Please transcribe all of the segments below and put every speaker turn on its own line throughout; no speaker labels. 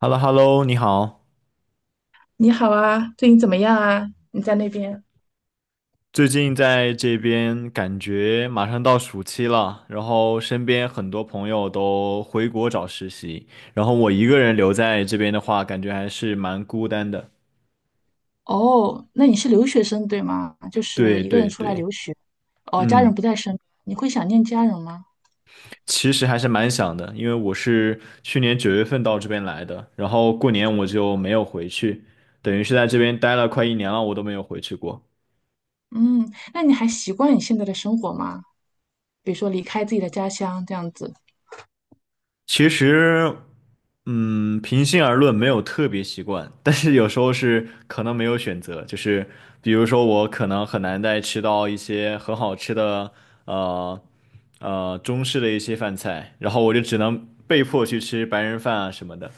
h e l l o h e l l o 你好。
你好啊，最近怎么样啊？你在那边？
最近在这边感觉马上到暑期了，然后身边很多朋友都回国找实习，然后我一个人留在这边的话，感觉还是蛮孤单的。
哦，那你是留学生对吗？就是
对
一个人
对
出来
对，
留学。哦，家人
嗯，
不在身边，你会想念家人吗？
其实还是蛮想的，因为我是去年9月份到这边来的，然后过年我就没有回去，等于是在这边待了快一年了，我都没有回去过。
嗯，那你还习惯你现在的生活吗？比如说离开自己的家乡这样子。
其实，平心而论，没有特别习惯，但是有时候是可能没有选择，就是比如说我可能很难再吃到一些很好吃的，呃中式的一些饭菜，然后我就只能被迫去吃白人饭啊什么的。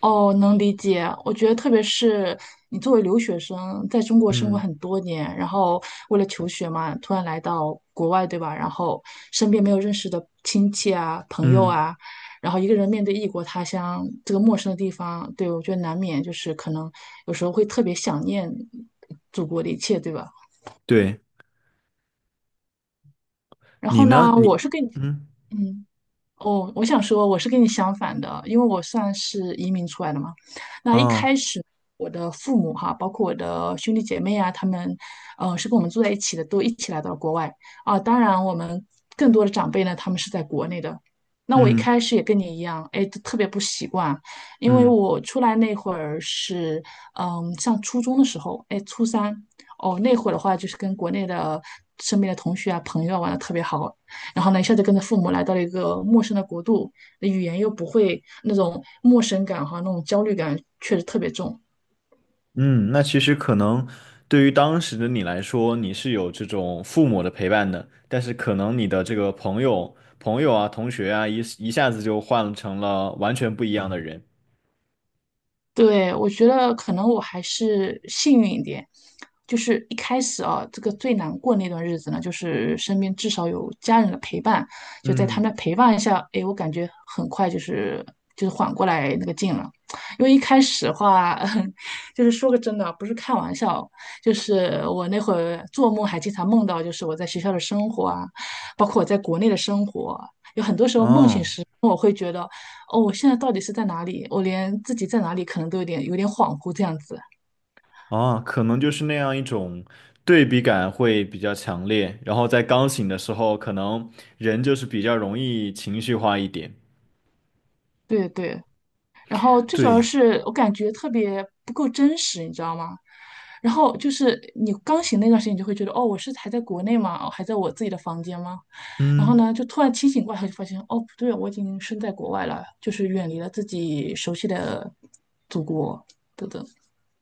哦，能理解。我觉得，特别是你作为留学生，在中国生活
嗯
很多年，然后为了求学嘛，突然来到国外，对吧？然后身边没有认识的亲戚啊、朋友
嗯，
啊，然后一个人面对异国他乡这个陌生的地方。对，我觉得难免就是可能有时候会特别想念祖国的一切，对吧？
对，
然
你
后
呢？
呢，我
你
是跟你，
嗯
嗯。哦，我想说，我是跟你相反的，因为我算是移民出来的嘛。那一
哦
开始，我的父母哈，包括我的兄弟姐妹啊，他们，是跟我们住在一起的，都一起来到了国外啊。当然，我们更多的长辈呢，他们是在国内的。那我一
嗯
开始也跟你一样，哎，特别不习惯。因为
嗯。
我出来那会儿是，嗯，上初中的时候，哎，初三。哦，那会儿的话就是跟国内的身边的同学啊、朋友啊玩的特别好，然后呢，一下子跟着父母来到了一个陌生的国度，语言又不会，那种陌生感和那种焦虑感确实特别重。
嗯，那其实可能对于当时的你来说，你是有这种父母的陪伴的，但是可能你的这个朋友啊、同学啊，一下子就换成了完全不一样的人。
对，我觉得可能我还是幸运一点，就是一开始啊，这个最难过那段日子呢，就是身边至少有家人的陪伴，就在他
嗯，
们的陪伴下，哎，我感觉很快就是缓过来那个劲了。因为一开始的话，就是说个真的，不是开玩笑，就是我那会儿做梦还经常梦到，就是我在学校的生活啊，包括我在国内的生活啊，有很多时候梦醒
哦，
时，我会觉得。哦，我现在到底是在哪里？我连自己在哪里可能都有点恍惚这样子。
哦，可能就是那样一种对比感会比较强烈，然后在刚醒的时候，可能人就是比较容易情绪化一点。
对对，然后最主
对，
要是我感觉特别不够真实，你知道吗？然后就是你刚醒那段时间，你就会觉得哦，我是还在国内吗？哦，还在我自己的房间吗？然后
嗯。
呢，就突然清醒过来，就发现哦，不对，我已经身在国外了，就是远离了自己熟悉的祖国，等等，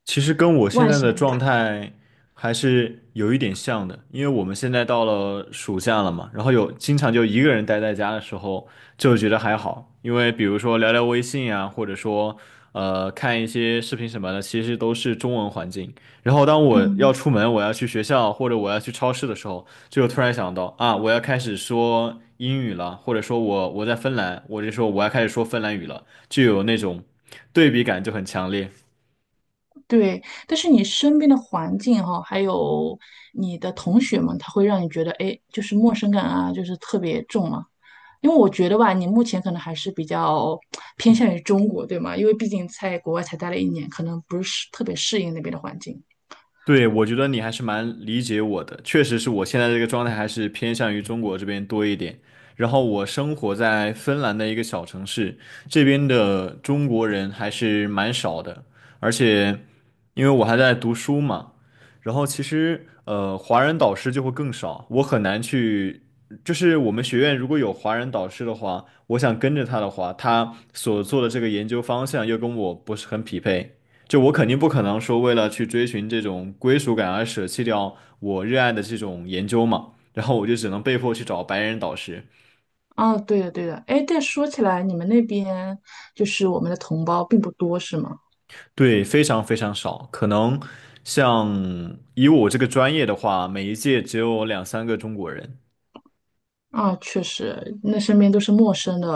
其实跟我现
外
在
省，
的状态还是有一点像的，因为我们现在到了暑假了嘛，然后有经常就一个人待在家的时候，就觉得还好，因为比如说聊聊微信啊，或者说看一些视频什么的，其实都是中文环境。然后当我要
嗯。
出门，我要去学校或者我要去超市的时候，就突然想到啊，我要开始说英语了，或者说我在芬兰，我就说我要开始说芬兰语了，就有那种对比感就很强烈。
对，但是你身边的环境哈、还有你的同学们，他会让你觉得，哎，就是陌生感啊，就是特别重嘛。因为我觉得吧，你目前可能还是比较偏向于中国，对吗？因为毕竟在国外才待了一年，可能不是特别适应那边的环境。
对，我觉得你还是蛮理解我的，确实是我现在这个状态还是偏向于中国这边多一点。然后我生活在芬兰的一个小城市，这边的中国人还是蛮少的，而且因为我还在读书嘛，然后其实华人导师就会更少，我很难去，就是我们学院如果有华人导师的话，我想跟着他的话，他所做的这个研究方向又跟我不是很匹配。就我肯定不可能说为了去追寻这种归属感而舍弃掉我热爱的这种研究嘛，然后我就只能被迫去找白人导师。
啊，对的，对的。哎，但说起来，你们那边就是我们的同胞并不多，是吗？
对，非常非常少，可能像以我这个专业的话，每一届只有两三个中国人。
啊，确实，那身边都是陌生的，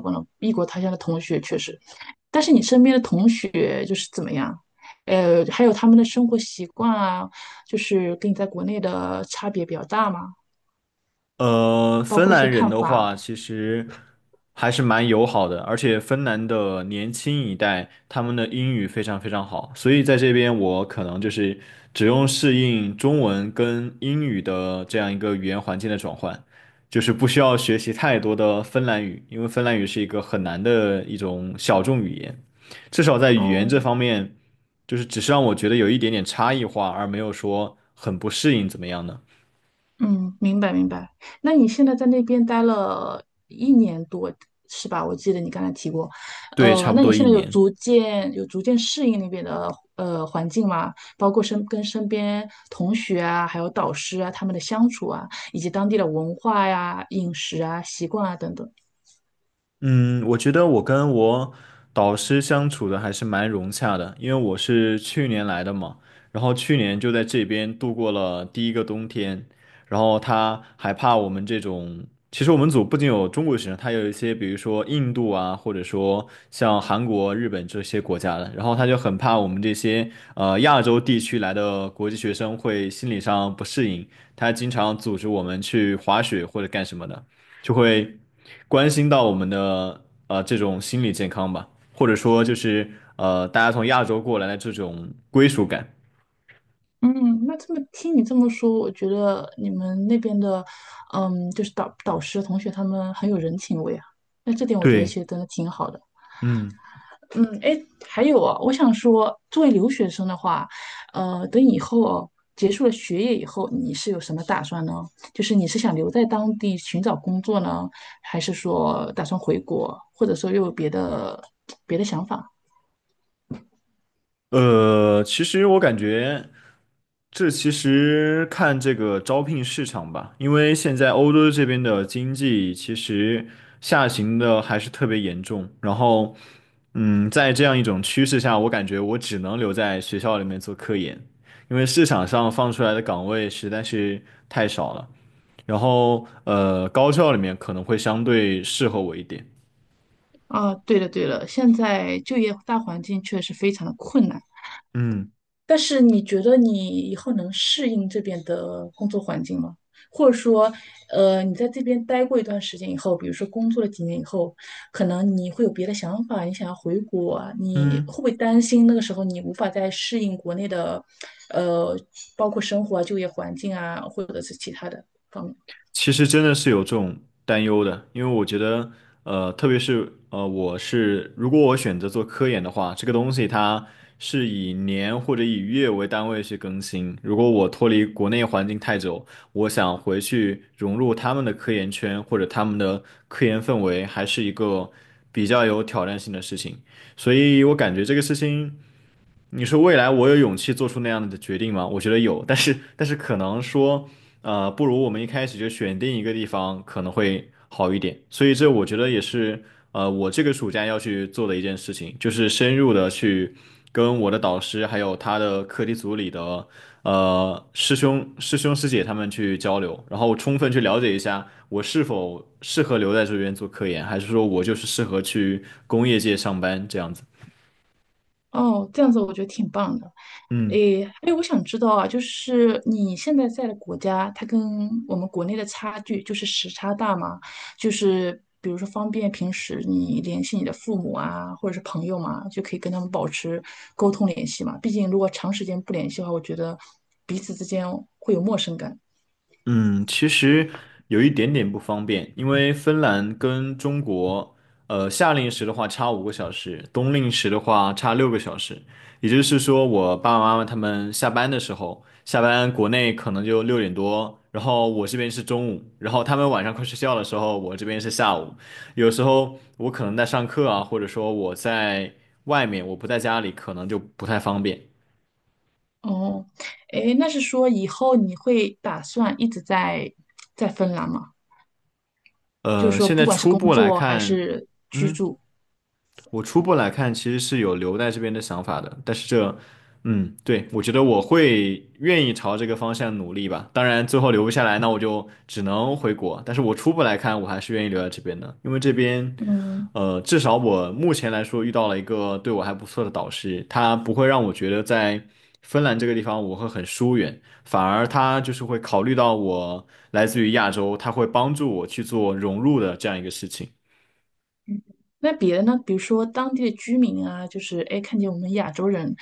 忘了异国他乡的同学，确实。但是你身边的同学就是怎么样？呃，还有他们的生活习惯啊，就是跟你在国内的差别比较大嘛，
呃，
包
芬
括一些
兰人
看
的
法啊。
话，其实还是蛮友好的，而且芬兰的年轻一代，他们的英语非常非常好，所以在这边我可能就是只用适应中文跟英语的这样一个语言环境的转换，就是不需要学习太多的芬兰语，因为芬兰语是一个很难的一种小众语言，至少在语言
哦，
这方面，就是只是让我觉得有一点点差异化，而没有说很不适应怎么样呢？
嗯，明白。那你现在在那边待了一年多，是吧？我记得你刚才提过。
对，
呃，
差不
那你
多
现
一
在有
年。
逐渐有逐渐适应那边的环境吗？包括身边同学啊，还有导师啊，他们的相处啊，以及当地的文化呀、饮食啊、习惯啊等等。
嗯，我觉得我跟我导师相处的还是蛮融洽的，因为我是去年来的嘛，然后去年就在这边度过了第一个冬天，然后他还怕我们这种，其实我们组不仅有中国学生，他有一些比如说印度啊，或者说像韩国、日本这些国家的，然后他就很怕我们这些亚洲地区来的国际学生会心理上不适应，他经常组织我们去滑雪或者干什么的。就会关心到我们的这种心理健康吧，或者说就是大家从亚洲过来的这种归属感。
嗯，那这么听你这么说，我觉得你们那边的，嗯，就是导师、同学他们很有人情味啊。那这点我觉得其
对，
实真的挺好的。
嗯。
嗯，哎，还有啊，我想说，作为留学生的话，呃，等以后哦，结束了学业以后，你是有什么打算呢？就是你是想留在当地寻找工作呢？还是说打算回国，或者说又有别的想法？
其实我感觉，这其实看这个招聘市场吧，因为现在欧洲这边的经济其实下行的还是特别严重。然后，在这样一种趋势下，我感觉我只能留在学校里面做科研，因为市场上放出来的岗位实在是太少了。然后，高校里面可能会相对适合我一点。
啊，对了对了，现在就业大环境确实非常的困难。
嗯
但是你觉得你以后能适应这边的工作环境吗？或者说，呃，你在这边待过一段时间以后，比如说工作了几年以后，可能你会有别的想法，你想要回国啊，你
嗯。
会不会担心那个时候你无法再适应国内的，呃，包括生活啊、就业环境啊，或者是其他的方面？
其实真的是有这种担忧的，因为我觉得，特别是我是如果我选择做科研的话，这个东西它是以年或者以月为单位去更新。如果我脱离国内环境太久，我想回去融入他们的科研圈或者他们的科研氛围，还是一个比较有挑战性的事情。所以我感觉这个事情。你说未来我有勇气做出那样的决定吗？我觉得有，但是可能说，不如我们一开始就选定一个地方可能会好一点。所以这我觉得也是，我这个暑假要去做的一件事情，就是深入的去跟我的导师还有他的课题组里的师兄师姐他们去交流，然后充分去了解一下我是否适合留在这边做科研，还是说我就是适合去工业界上班这样子。
哦，这样子我觉得挺棒的。
嗯。
诶，哎，我想知道啊，就是你现在在的国家，它跟我们国内的差距，就是时差大吗？就是比如说方便平时你联系你的父母啊，或者是朋友嘛，就可以跟他们保持沟通联系嘛。毕竟如果长时间不联系的话，我觉得彼此之间会有陌生感。
嗯，其实有一点点不方便，因为芬兰跟中国，夏令时的话差5个小时，冬令时的话差6个小时。也就是说，我爸爸妈妈他们下班的时候，下班国内可能就6点多，然后我这边是中午，然后他们晚上快睡觉的时候，我这边是下午。有时候我可能在上课啊，或者说我在外面，我不在家里，可能就不太方便。
哦，诶，那是说以后你会打算一直在芬兰吗？就是说，
现
不
在
管是
初
工
步来
作还
看。
是
嗯，我初步来看，其实是有留在这边的想法的，但是这，嗯，对，我觉得我会愿意朝这个方向努力吧。当然，最后留不下来，那我就只能回国。但是我初步来看，我还是愿意留在这边的，因为这边，
嗯。
至少我目前来说遇到了一个对我还不错的导师，他不会让我觉得在芬兰这个地方我会很疏远，反而他就是会考虑到我来自于亚洲，他会帮助我去做融入的这样一个事情。
那别的呢？比如说当地的居民啊，就是哎，诶看见我们亚洲人，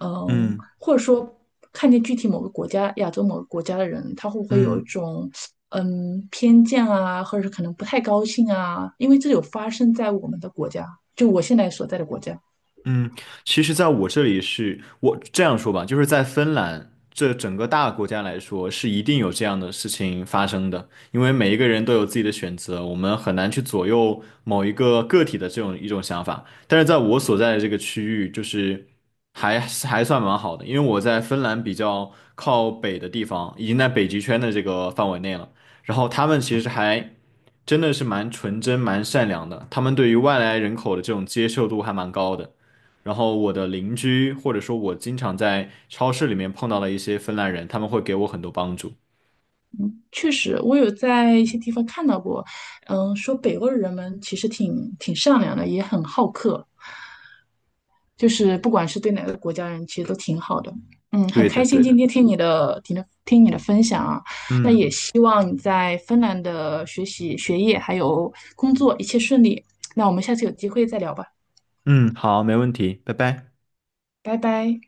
嗯，
嗯
或者说看见具体某个国家、亚洲某个国家的人，他会不会有一
嗯。
种偏见啊，或者是可能不太高兴啊？因为这有发生在我们的国家，就我现在所在的国家。
嗯，其实在我这里是，我这样说吧，就是在芬兰这整个大国家来说，是一定有这样的事情发生的，因为每一个人都有自己的选择，我们很难去左右某一个个体的这种一种想法。但是在我所在的这个区域，就是还算蛮好的，因为我在芬兰比较靠北的地方，已经在北极圈的这个范围内了。然后他们其实还真的是蛮纯真、蛮善良的，他们对于外来人口的这种接受度还蛮高的。然后我的邻居，或者说我经常在超市里面碰到的一些芬兰人，他们会给我很多帮助。
确实我有在一些地方看到过，嗯，说北欧的人们其实挺善良的，也很好客，就是不管是对哪个国家人，其实都挺好的。嗯，很
对的，
开心
对
今
的。
天听你的、听你的分享啊。那也
嗯
希望你在芬兰的学习、学业还有工作一切顺利。那我们下次有机会再聊吧，
嗯，好，没问题，拜拜。
拜拜。